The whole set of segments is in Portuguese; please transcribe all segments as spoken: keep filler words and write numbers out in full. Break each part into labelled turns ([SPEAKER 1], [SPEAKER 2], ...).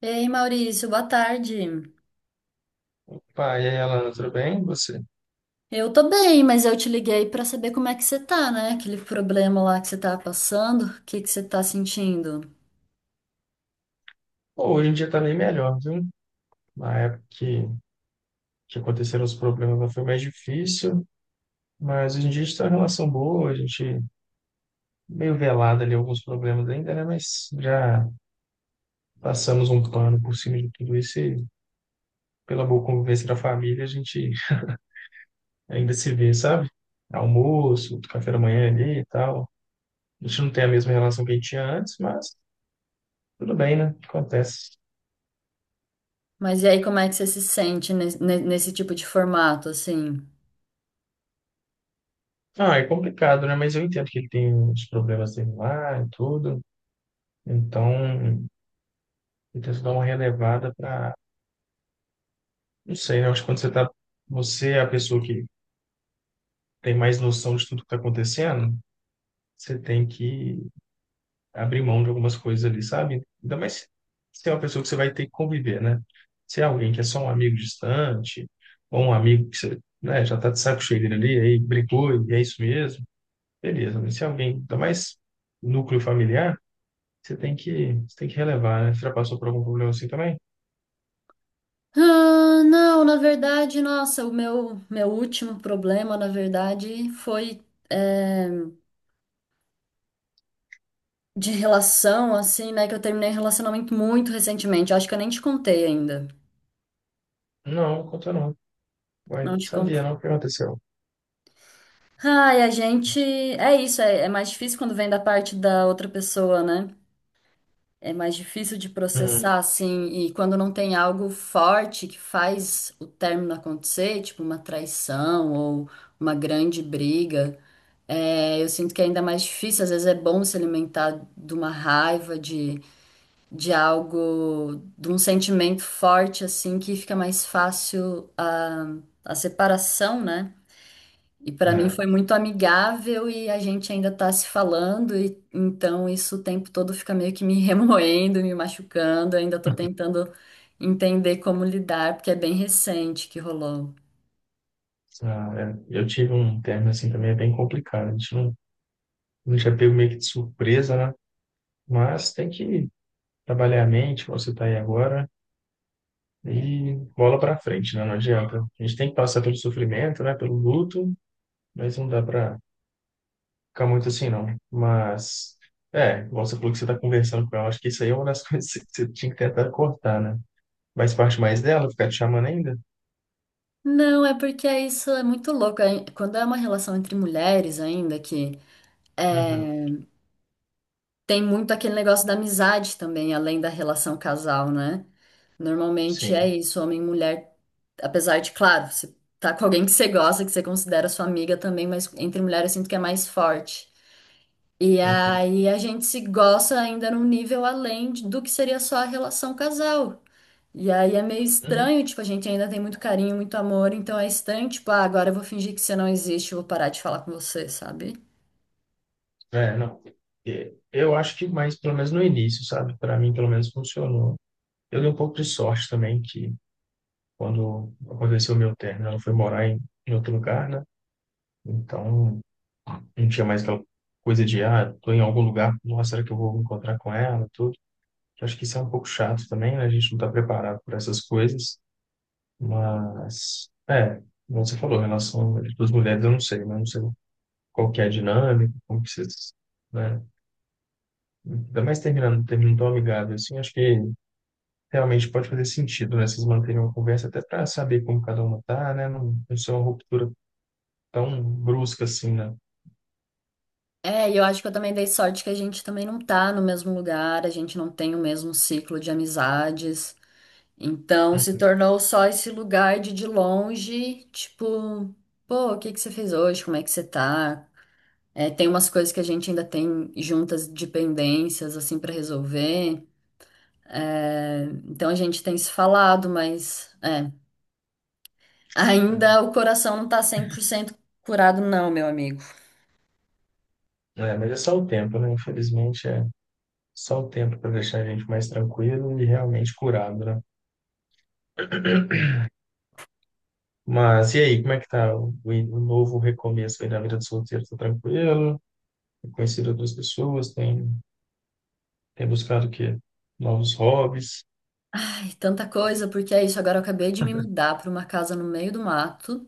[SPEAKER 1] Ei, Maurício, boa tarde.
[SPEAKER 2] Pai, e aí, Alana, tudo bem? E você?
[SPEAKER 1] Eu tô bem, mas eu te liguei pra saber como é que você tá, né? Aquele problema lá que você tá passando, o que que você tá sentindo?
[SPEAKER 2] Pô, hoje em dia tá bem melhor, viu? Na época que, que aconteceram os problemas lá foi mais difícil, mas hoje em dia a gente tá em uma relação boa, a gente meio velado ali alguns problemas ainda, né? Mas já passamos um pano por cima de tudo isso e pela boa convivência da família a gente ainda se vê, sabe? Almoço, café da manhã ali e tal. A gente não tem a mesma relação que a gente tinha antes, mas tudo bem, né? Acontece.
[SPEAKER 1] Mas e aí, como é que você se sente nes- ne- nesse tipo de formato, assim?
[SPEAKER 2] Ah, é complicado, né? Mas eu entendo que ele tem uns problemas dele lá e tudo. Então, eu tento dar uma relevada para, não sei, né? Eu acho que quando você tá, você é a pessoa que tem mais noção de tudo que está acontecendo, você tem que abrir mão de algumas coisas ali, sabe? Ainda mais se se é uma pessoa que você vai ter que conviver, né? Se é alguém que é só um amigo distante, ou um amigo que você, né, já tá de saco cheio dele ali, aí brigou e é isso mesmo, beleza. Mas se é alguém, ainda mais núcleo familiar, você tem que, você tem que relevar, né? Você já passou por algum problema assim também?
[SPEAKER 1] Ah, não, na verdade, nossa, o meu, meu último problema, na verdade, foi é, de relação, assim, né? Que eu terminei um relacionamento muito recentemente. Eu acho que eu nem te contei ainda.
[SPEAKER 2] Não, conta não. Ué,
[SPEAKER 1] Não
[SPEAKER 2] não
[SPEAKER 1] te contei.
[SPEAKER 2] sabia não o que aconteceu.
[SPEAKER 1] Ai, a gente. É isso, é, é mais difícil quando vem da parte da outra pessoa, né? É mais difícil de
[SPEAKER 2] Hum,
[SPEAKER 1] processar, assim, e quando não tem algo forte que faz o término acontecer, tipo uma traição ou uma grande briga, é, eu sinto que é ainda mais difícil. Às vezes é bom se alimentar de uma raiva, de, de algo, de um sentimento forte, assim, que fica mais fácil a, a separação, né? E para mim
[SPEAKER 2] né?
[SPEAKER 1] foi muito amigável e a gente ainda tá se falando, e então isso o tempo todo fica meio que me remoendo, me machucando, eu ainda tô tentando entender como lidar, porque é bem recente que rolou.
[SPEAKER 2] Ah, é. Eu tive um término assim também é bem complicado. A gente não, não já pego meio que de surpresa, né? Mas tem que trabalhar a mente, como você está aí agora, e bola para frente, né? Não adianta. A gente tem que passar pelo sofrimento, né? Pelo luto, mas não dá para ficar muito assim, não. Mas, é, igual você falou que você está conversando com ela, acho que isso aí é uma das coisas que você tinha que tentar cortar, né? Mas parte mais dela, ficar te chamando ainda?
[SPEAKER 1] Não, é porque é isso é muito louco. é- Quando é uma relação entre mulheres ainda, que
[SPEAKER 2] Uhum.
[SPEAKER 1] tem muito aquele negócio da amizade também, além da relação casal, né? Normalmente é
[SPEAKER 2] Sim.
[SPEAKER 1] isso, homem e mulher, apesar de, claro, você tá com alguém que você gosta, que você considera sua amiga também, mas entre mulheres eu sinto que é mais forte. E
[SPEAKER 2] Uhum.
[SPEAKER 1] aí a gente se gosta ainda num nível além de- do que seria só a relação casal. E aí é meio
[SPEAKER 2] Uhum.
[SPEAKER 1] estranho, tipo, a gente ainda tem muito carinho, muito amor, então é estranho, tipo, ah, agora eu vou fingir que você não existe, eu vou parar de falar com você, sabe?
[SPEAKER 2] É, não. É, Eu acho que mais, pelo menos no início, sabe? Para mim, pelo menos funcionou. Eu dei um pouco de sorte também, que quando aconteceu o meu término, ela foi morar em, em outro lugar, né? Então, não tinha mais aquela coisa de, ah, tô em algum lugar, nossa, será que eu vou encontrar com ela, tudo. Eu acho que isso é um pouco chato também, né? A gente não tá preparado para essas coisas, mas, é, como você falou, em relação às duas mulheres, eu não sei, né? Eu não sei qual que é a dinâmica, como que vocês, né? Ainda mais terminando, terminando tão amigável assim, acho que realmente pode fazer sentido, né? Vocês manterem uma conversa até para saber como cada uma tá, né? Não, não ser uma ruptura tão brusca assim, né?
[SPEAKER 1] É, e eu acho que eu também dei sorte que a gente também não tá no mesmo lugar, a gente não tem o mesmo ciclo de amizades. Então se
[SPEAKER 2] Uhum.
[SPEAKER 1] tornou só esse lugar de de longe, tipo, pô, o que que você fez hoje? Como é que você tá? É, tem umas coisas que a gente ainda tem juntas de pendências, assim, pra resolver. É, então a gente tem se falado, mas é,
[SPEAKER 2] É,
[SPEAKER 1] ainda o coração não tá cem por cento curado, não, meu amigo.
[SPEAKER 2] É, mas é só o tempo, né? Infelizmente é só o tempo para deixar a gente mais tranquilo e realmente curado, né? Mas e aí, como é que tá o, o o novo recomeço aí na vida de solteiro? Tá tranquilo? Tem conhecido outras pessoas? Tem, tem buscado o quê? Novos hobbies?
[SPEAKER 1] Ai, tanta coisa, porque é isso. Agora eu acabei de me mudar pra uma casa no meio do mato.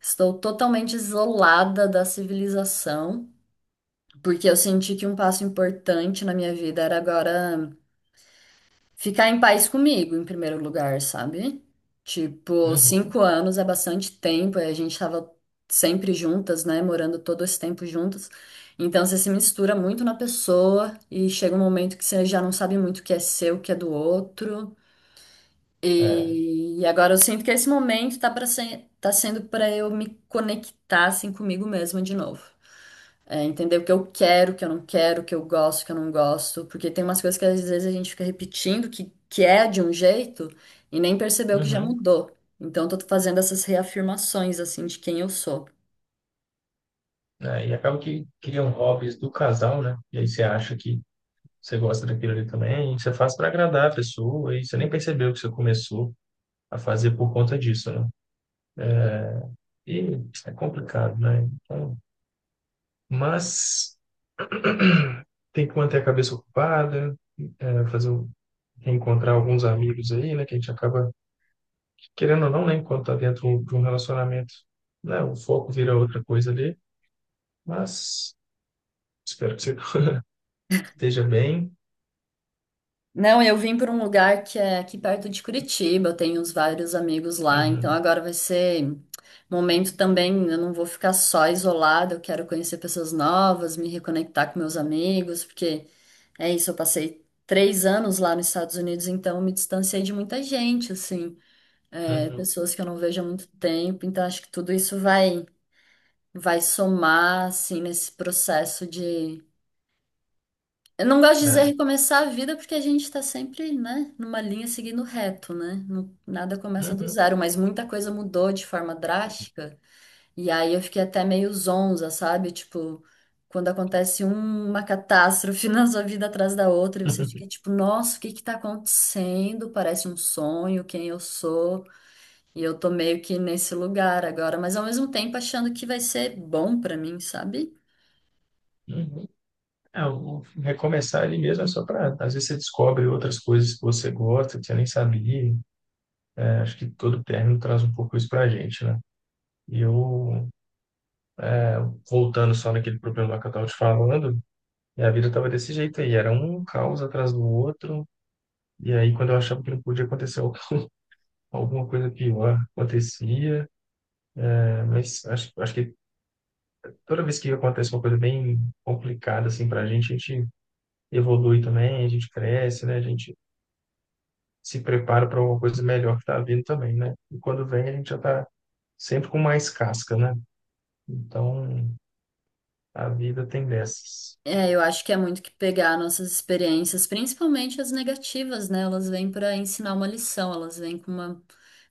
[SPEAKER 1] Estou totalmente isolada da civilização. Porque eu senti que um passo importante na minha vida era agora ficar em paz comigo, em primeiro lugar, sabe? Tipo,
[SPEAKER 2] Uhum.
[SPEAKER 1] cinco anos é bastante tempo, e a gente tava sempre juntas, né? Morando todo esse tempo juntas. Então você se mistura muito na pessoa e chega um momento que você já não sabe muito o que é seu, o que é do outro.
[SPEAKER 2] É.
[SPEAKER 1] E agora eu sinto que esse momento tá para ser, tá sendo para eu me conectar assim comigo mesma de novo. É, entender o que eu quero, o que eu não quero, o que eu gosto, o que eu não gosto, porque tem umas coisas que às vezes a gente fica repetindo que, que é de um jeito e nem percebeu que já
[SPEAKER 2] Uhum.
[SPEAKER 1] mudou. Então eu tô fazendo essas reafirmações assim de quem eu sou.
[SPEAKER 2] Né? E acaba que criam hobbies do casal, né? E aí você acha que você gosta daquilo ali também, e você faz para agradar a pessoa, e você nem percebeu que você começou a fazer por conta disso, né? E é complicado, né? Então, mas tem que manter a cabeça ocupada, é, fazer o- reencontrar alguns amigos aí, né? Que a gente acaba, querendo ou não, né? Enquanto tá dentro de um relacionamento, né? O foco vira outra coisa ali, mas espero que você esteja bem.
[SPEAKER 1] Não, eu vim para um lugar que é aqui perto de Curitiba, eu tenho uns vários amigos lá, então
[SPEAKER 2] Uhum,
[SPEAKER 1] agora vai ser momento também, eu não vou ficar só isolada, eu quero conhecer pessoas novas, me reconectar com meus amigos, porque é isso, eu passei três anos lá nos Estados Unidos, então eu me distanciei de muita gente, assim, é,
[SPEAKER 2] uhum.
[SPEAKER 1] pessoas que eu não vejo há muito tempo, então acho que tudo isso vai, vai somar, assim, nesse processo. Eu não gosto de dizer
[SPEAKER 2] É.
[SPEAKER 1] recomeçar a vida porque a gente está sempre, né, numa linha seguindo reto, né? Não- Nada começa do
[SPEAKER 2] Uhum,
[SPEAKER 1] zero, mas muita coisa mudou de forma drástica. E aí eu fiquei até meio zonza, sabe? Tipo, quando acontece um- uma catástrofe na sua vida atrás da outra, e você fica tipo, nossa, o que que tá acontecendo? Parece um sonho, quem eu sou? E eu tô meio que nesse lugar agora, mas ao mesmo tempo achando que vai ser bom pra mim, sabe?
[SPEAKER 2] uhum. É, o o recomeçar ele mesmo é só para. Às vezes você descobre outras coisas que você gosta, que você nem sabia. Né? Acho que todo término traz um pouco isso para a gente, né? E eu, voltando só naquele problema lá que eu estava te falando, minha vida estava desse jeito aí. Era um caos atrás do outro. E aí, quando eu achava que não podia acontecer al- alguma coisa pior, acontecia. Né? Mas acho, acho que toda vez que acontece uma coisa bem complicada, assim, para a gente, a gente evolui também, a gente cresce, né? A gente se prepara para uma coisa melhor que está vindo também, né? E quando vem, a gente já está sempre com mais casca, né? Então, a vida tem dessas.
[SPEAKER 1] É, eu acho que é muito que pegar nossas experiências, principalmente as negativas, né? Elas vêm para ensinar uma lição, elas vêm com uma,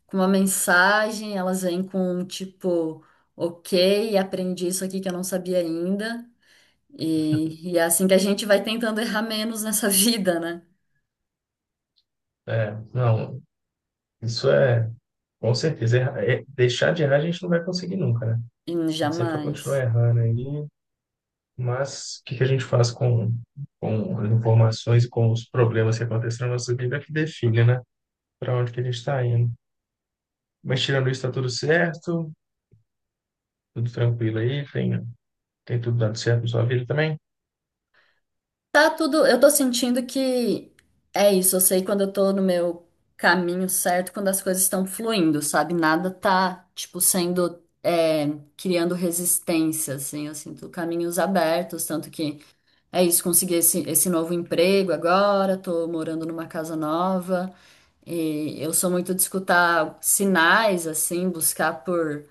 [SPEAKER 1] com uma mensagem, elas vêm com um tipo, ok, aprendi isso aqui que eu não sabia ainda. E, e é assim que a gente vai tentando errar menos nessa vida, né?
[SPEAKER 2] É, não, isso é, com certeza, erra- é- deixar de errar a gente não vai conseguir nunca, né?
[SPEAKER 1] E
[SPEAKER 2] A gente sempre vai continuar
[SPEAKER 1] jamais.
[SPEAKER 2] errando aí, mas o que que a gente faz com, com as informações e com os problemas que acontecem na nossa vida é que define, né? Para onde que a gente está indo. Mas tirando isso, está tudo certo, tudo tranquilo aí, tem, tem tudo dando certo na sua vida também?
[SPEAKER 1] Tá tudo. Eu tô sentindo que é isso. Eu sei quando eu tô no meu caminho certo, quando as coisas estão fluindo, sabe? Nada tá, tipo, sendo. é, criando resistência, assim. Eu sinto caminhos abertos. Tanto que é isso. Consegui esse, esse novo emprego agora, tô morando numa casa nova. E eu sou muito de escutar sinais, assim, buscar por.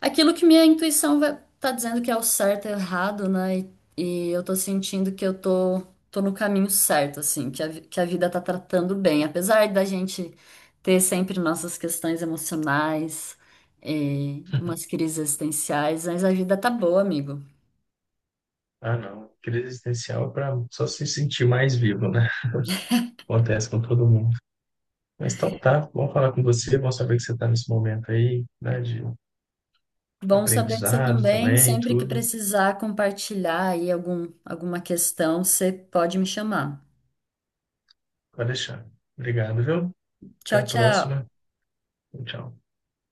[SPEAKER 1] Aquilo que minha intuição vai- tá dizendo que é o certo e errado, né? E, e eu tô sentindo que eu tô, tô no caminho certo, assim, que a, vi- que a vida tá tratando bem. Apesar da gente ter sempre nossas questões emocionais, eh, umas crises existenciais, mas a vida tá boa, amigo.
[SPEAKER 2] Ah, não. Crise existencial é para só se sentir mais vivo, né? Acontece com todo mundo. Mas então tá, bom falar com você, bom saber que você está nesse momento aí, né, de
[SPEAKER 1] Bom saber de você
[SPEAKER 2] aprendizado
[SPEAKER 1] também.
[SPEAKER 2] também,
[SPEAKER 1] Sempre que
[SPEAKER 2] tudo.
[SPEAKER 1] precisar compartilhar aí algum, alguma questão, você pode me chamar.
[SPEAKER 2] Pode deixar. Obrigado, viu? Até
[SPEAKER 1] Tchau,
[SPEAKER 2] a próxima.
[SPEAKER 1] tchau.
[SPEAKER 2] Tchau.